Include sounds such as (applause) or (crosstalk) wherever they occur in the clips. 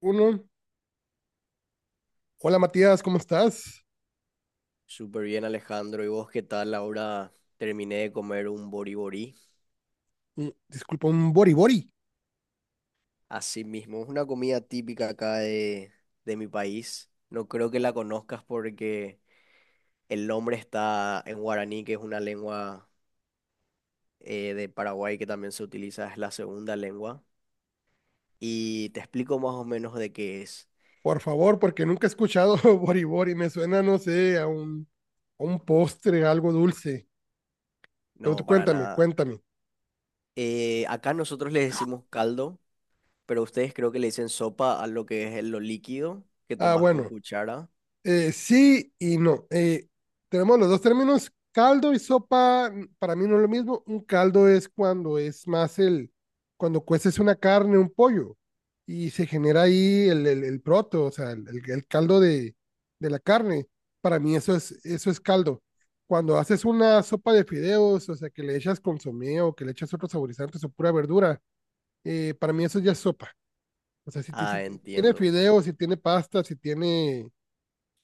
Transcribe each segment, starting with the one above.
Uno. Hola Matías, ¿cómo estás? Súper bien, Alejandro. ¿Y vos qué tal? Ahora terminé de comer un boriborí. Disculpa, un bori bori, Así mismo, es una comida típica acá de mi país. No creo que la conozcas porque el nombre está en guaraní, que es una lengua de Paraguay que también se utiliza, es la segunda lengua. Y te explico más o menos de qué es. por favor, porque nunca he escuchado (laughs) bori bori. Me suena, no sé, a un postre, a algo dulce. Pero tú No, para cuéntame, nada. cuéntame. Acá nosotros le decimos caldo, pero ustedes creo que le dicen sopa a lo que es lo líquido que Ah, tomás con bueno. cuchara. Sí y no. Tenemos los dos términos. Caldo y sopa, para mí no es lo mismo. Un caldo es cuando es más cuando cueces una carne, un pollo, y se genera ahí el proto, o sea, el caldo de la carne. Para mí eso es caldo. Cuando haces una sopa de fideos, o sea, que le echas consomé o que le echas otros saborizantes o pura verdura, para mí eso ya es sopa. O sea, si, Ah, si tiene entiendo. fideos, si tiene pasta, si tiene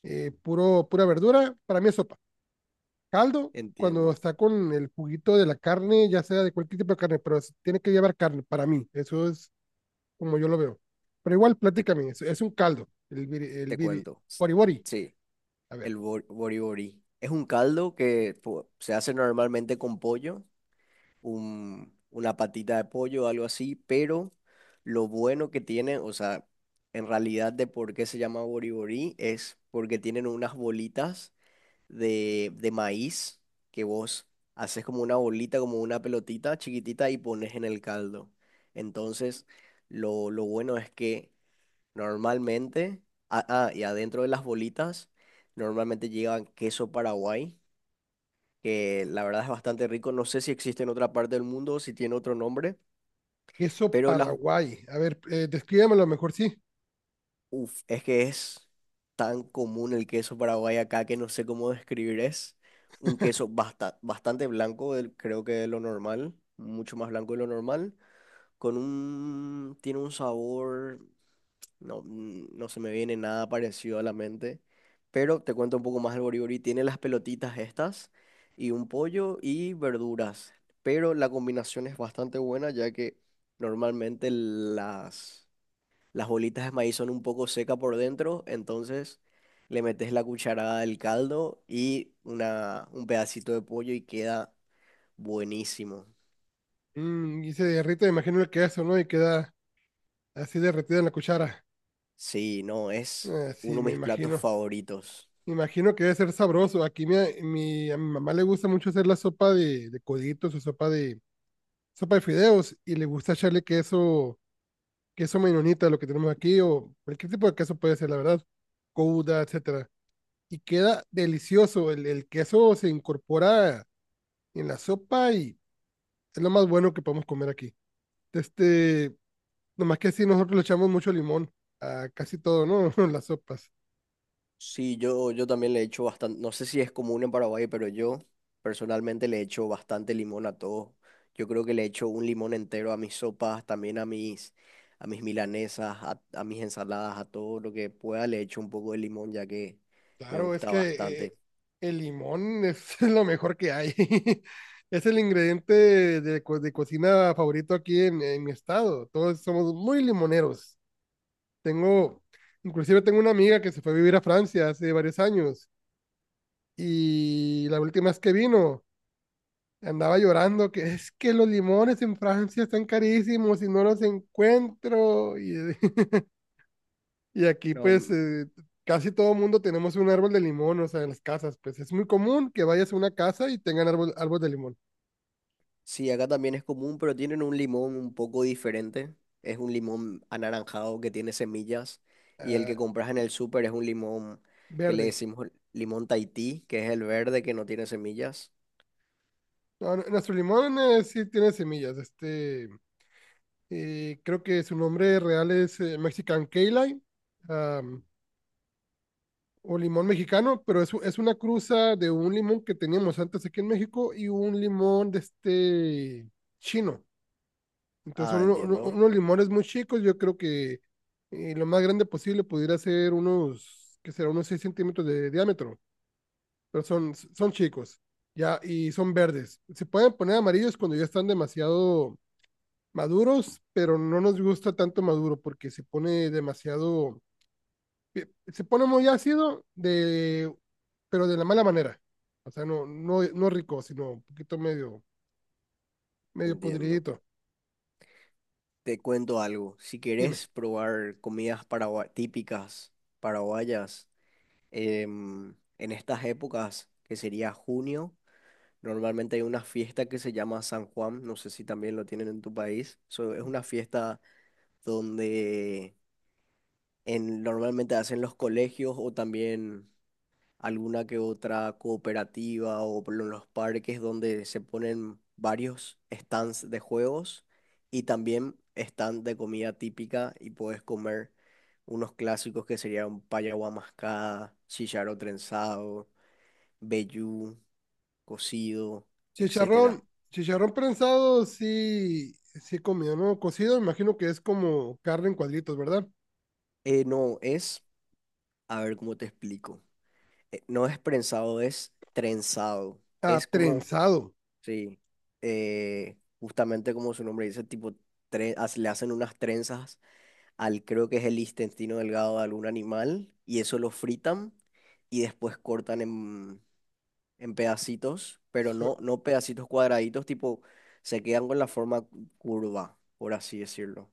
pura verdura, para mí es sopa. Caldo, cuando Entiendo, está con el juguito de la carne, ya sea de cualquier tipo de carne, pero tiene que llevar carne, para mí, eso es como yo lo veo. Pero igual, te, platícame, es un caldo, te cuento. Bori bori, Sí, a ver. el bori bori. Es un caldo que se hace normalmente con pollo, una patita de pollo, algo así, pero lo bueno que tiene, o sea, en realidad de por qué se llama bori bori es porque tienen unas bolitas de maíz que vos haces como una bolita, como una pelotita chiquitita y pones en el caldo. Entonces, lo bueno es que normalmente, y adentro de las bolitas, normalmente llevan queso Paraguay, que la verdad es bastante rico. No sé si existe en otra parte del mundo o si tiene otro nombre, Queso pero Paraguay, a ver, descríbamelo mejor, sí. uf, es que es tan común el queso Paraguay acá que no sé cómo describir. Es un queso bastante blanco, creo que de lo normal, mucho más blanco de lo normal, con tiene un sabor. No, no se me viene nada parecido a la mente. Pero te cuento un poco más el boribori. Tiene las pelotitas estas y un pollo y verduras. Pero la combinación es bastante buena ya que normalmente las bolitas de maíz son un poco secas por dentro. Entonces le metes la cucharada del caldo y un pedacito de pollo y queda buenísimo. Mm, y se derrite, me imagino el queso, ¿no? Y queda así derretida en la cuchara. Sí, no, es Ah, sí, uno de me mis platos imagino. favoritos. Me imagino que debe ser sabroso. Aquí a mi mamá le gusta mucho hacer la sopa de coditos o sopa de fideos y le gusta echarle queso, queso menonita, lo que tenemos aquí, o cualquier tipo de queso puede ser, la verdad, gouda, etcétera. Y queda delicioso. El queso se incorpora en la sopa y es lo más bueno que podemos comer aquí. Este, nomás que así nosotros le echamos mucho limón a casi todo, ¿no? (laughs) Las sopas. Sí, yo también le echo bastante, no sé si es común en Paraguay, pero yo personalmente le echo bastante limón a todo. Yo creo que le echo un limón entero a mis sopas, también a a mis milanesas, a mis ensaladas, a todo lo que pueda le echo un poco de limón, ya que me Claro, es gusta que bastante. el limón es (laughs) lo mejor que hay. (laughs) Es el ingrediente de, de cocina favorito aquí en mi estado. Todos somos muy limoneros. Tengo, inclusive tengo una amiga que se fue a vivir a Francia hace varios años y la última vez que vino andaba llorando que es que los limones en Francia están carísimos y no los encuentro. Y (laughs) y aquí, pues, No, casi todo mundo tenemos un árbol de limón, o sea, en las casas, pues es muy común que vayas a una casa y tengan árbol, árbol de limón. sí, acá también es común, pero tienen un limón un poco diferente. Es un limón anaranjado que tiene semillas y el Ah, que compras en el súper es un limón que le verde. decimos limón Tahití, que es el verde que no tiene semillas. No, no, nuestro limón sí tiene semillas. Este, creo que su nombre real es Mexican Key Lime, am, o limón mexicano, pero es, es una cruza de un limón que teníamos antes aquí en México y un limón de este chino. Entonces, Ah, entiendo, unos limones muy chicos, yo creo que lo más grande posible pudiera ser unos, ¿que será? Unos 6 centímetros de diámetro, pero son, son chicos, ya, y son verdes. Se pueden poner amarillos cuando ya están demasiado maduros, pero no nos gusta tanto maduro porque se pone demasiado, se pone muy ácido, de, pero de la mala manera. O sea, no, no, no rico, sino un poquito medio, medio entiendo. podridito. Te cuento algo. Si Dime. querés probar comidas típicas paraguayas en estas épocas, que sería junio, normalmente hay una fiesta que se llama San Juan. No sé si también lo tienen en tu país. So, es una fiesta donde normalmente hacen los colegios o también alguna que otra cooperativa o por los parques donde se ponen varios stands de juegos y también stand de comida típica y puedes comer unos clásicos que serían paya mascada, chicharro trenzado, vellú, cocido, etcétera. Chicharrón, chicharrón prensado, sí, sí he comido, ¿no? Cocido, imagino que es como carne en cuadritos, ¿verdad? No, es, a ver cómo te explico. No es prensado, es trenzado. Ah, Es como trenzado. sí, justamente como su nombre dice, tipo, le hacen unas trenzas al, creo que es el intestino delgado de algún animal, y eso lo fritan y después cortan en pedacitos, pero Su- no pedacitos cuadraditos, tipo, se quedan con la forma curva, por así decirlo.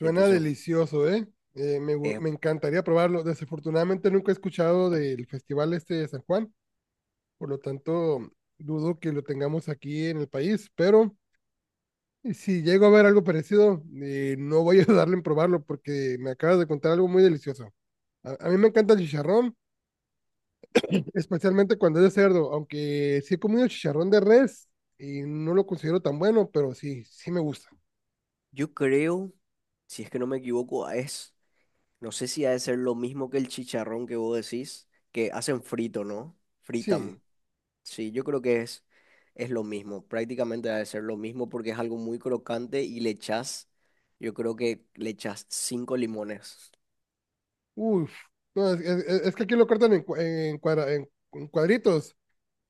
Y entonces, delicioso, ¿eh? Eh, Me encantaría probarlo. Desafortunadamente nunca he escuchado del festival este de San Juan, por lo tanto dudo que lo tengamos aquí en el país, pero si llego a ver algo parecido, no voy a (laughs) darle en probarlo porque me acabas de contar algo muy delicioso. A mí me encanta el chicharrón, especialmente cuando es de cerdo, aunque sí he comido chicharrón de res y no lo considero tan bueno, pero sí, sí me gusta. yo creo, si es que no me equivoco, es, no sé si ha de ser lo mismo que el chicharrón que vos decís, que hacen frito, ¿no? Sí, Fritan. Sí, yo creo que es lo mismo, prácticamente debe ser lo mismo porque es algo muy crocante y le echas, yo creo que le echas 5 limones. uff. No, es que aquí lo cortan en, en cuadritos.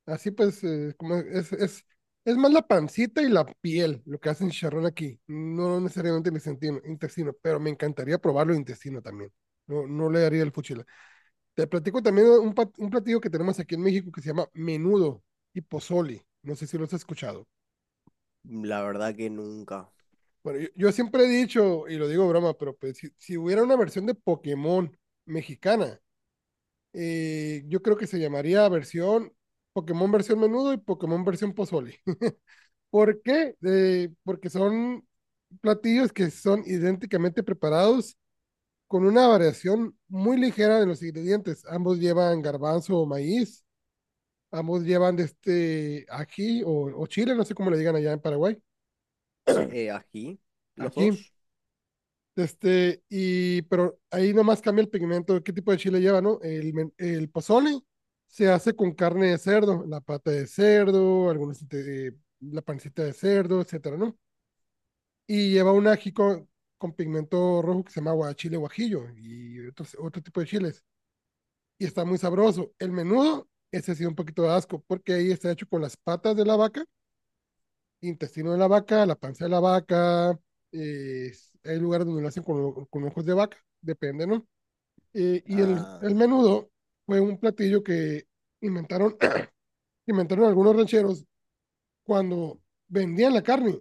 Así pues, es más la pancita y la piel lo que hacen chicharrón aquí. No necesariamente el intestino, intestino, pero me encantaría probarlo intestino también. No, no le daría el fuchila. Te platico también un, un platillo que tenemos aquí en México que se llama menudo y pozole. No sé si lo has escuchado. La verdad que nunca. Bueno, yo siempre he dicho, y lo digo broma, pero pues, si, si hubiera una versión de Pokémon mexicana, yo creo que se llamaría versión Pokémon versión menudo y Pokémon versión pozole. (laughs) ¿Por qué? Porque son platillos que son idénticamente preparados con una variación muy ligera de los ingredientes. Ambos llevan garbanzo o maíz, ambos llevan de este ají o chile, no sé cómo le digan allá en Paraguay. Sí, ají, los Aquí dos. este, y, pero ahí nomás cambia el pigmento, qué tipo de chile lleva, ¿no? El pozole se hace con carne de cerdo, la pata de cerdo, algunos, la pancita de cerdo, etcétera, ¿no? Y lleva un ají con pigmento rojo que se llama guachile guajillo y otros, otro tipo de chiles. Y está muy sabroso. El menudo, ese sí da un poquito de asco, porque ahí está hecho con las patas de la vaca, intestino de la vaca, la panza de la vaca, eh, hay lugares donde lo hacen con ojos de vaca, depende, ¿no? y Ah, el menudo fue un platillo que inventaron, (clears throat) inventaron algunos rancheros cuando vendían la carne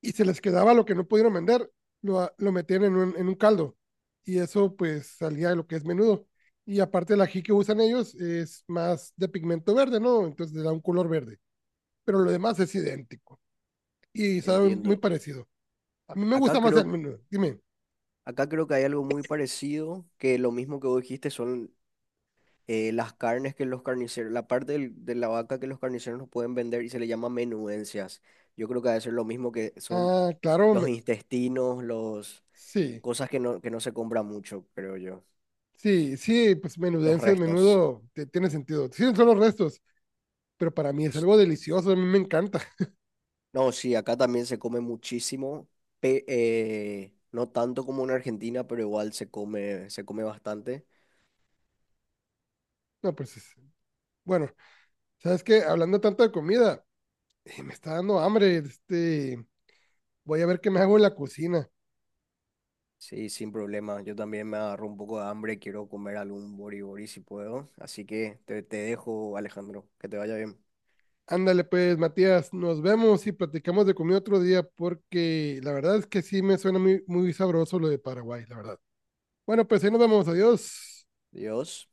y se les quedaba lo que no pudieron vender, lo, lo metían en un caldo y eso pues salía de lo que es menudo. Y aparte el ají que usan ellos es más de pigmento verde, ¿no? Entonces le da un color verde, pero lo demás es idéntico y sabe muy entiendo. parecido. A mí me Acá gusta más el creo, menudo, dime. acá creo que hay algo muy parecido, que lo mismo que vos dijiste son las carnes que los carniceros, la parte de la vaca que los carniceros no pueden vender y se le llama menudencias. Yo creo que debe ser lo mismo que son Ah, claro, los me- intestinos, los sí. cosas que que no se compran mucho, creo yo. Sí, sí, pues Los menudencias, restos. menudo, tiene sentido. Sí, son los restos, pero para mí es algo delicioso, a mí me encanta. (laughs) No, sí, acá también se come muchísimo. No tanto como en Argentina, pero igual se come bastante. No, pues bueno, ¿sabes qué? Hablando tanto de comida, me está dando hambre, este, voy a ver qué me hago en la cocina. Sí, sin problema. Yo también me agarro un poco de hambre. Quiero comer algún bori bori si puedo. Así que te dejo, Alejandro. Que te vaya bien. Ándale pues, Matías, nos vemos y platicamos de comida otro día, porque la verdad es que sí me suena muy, muy sabroso lo de Paraguay, la verdad. Bueno, pues ahí nos vemos, adiós. Dios.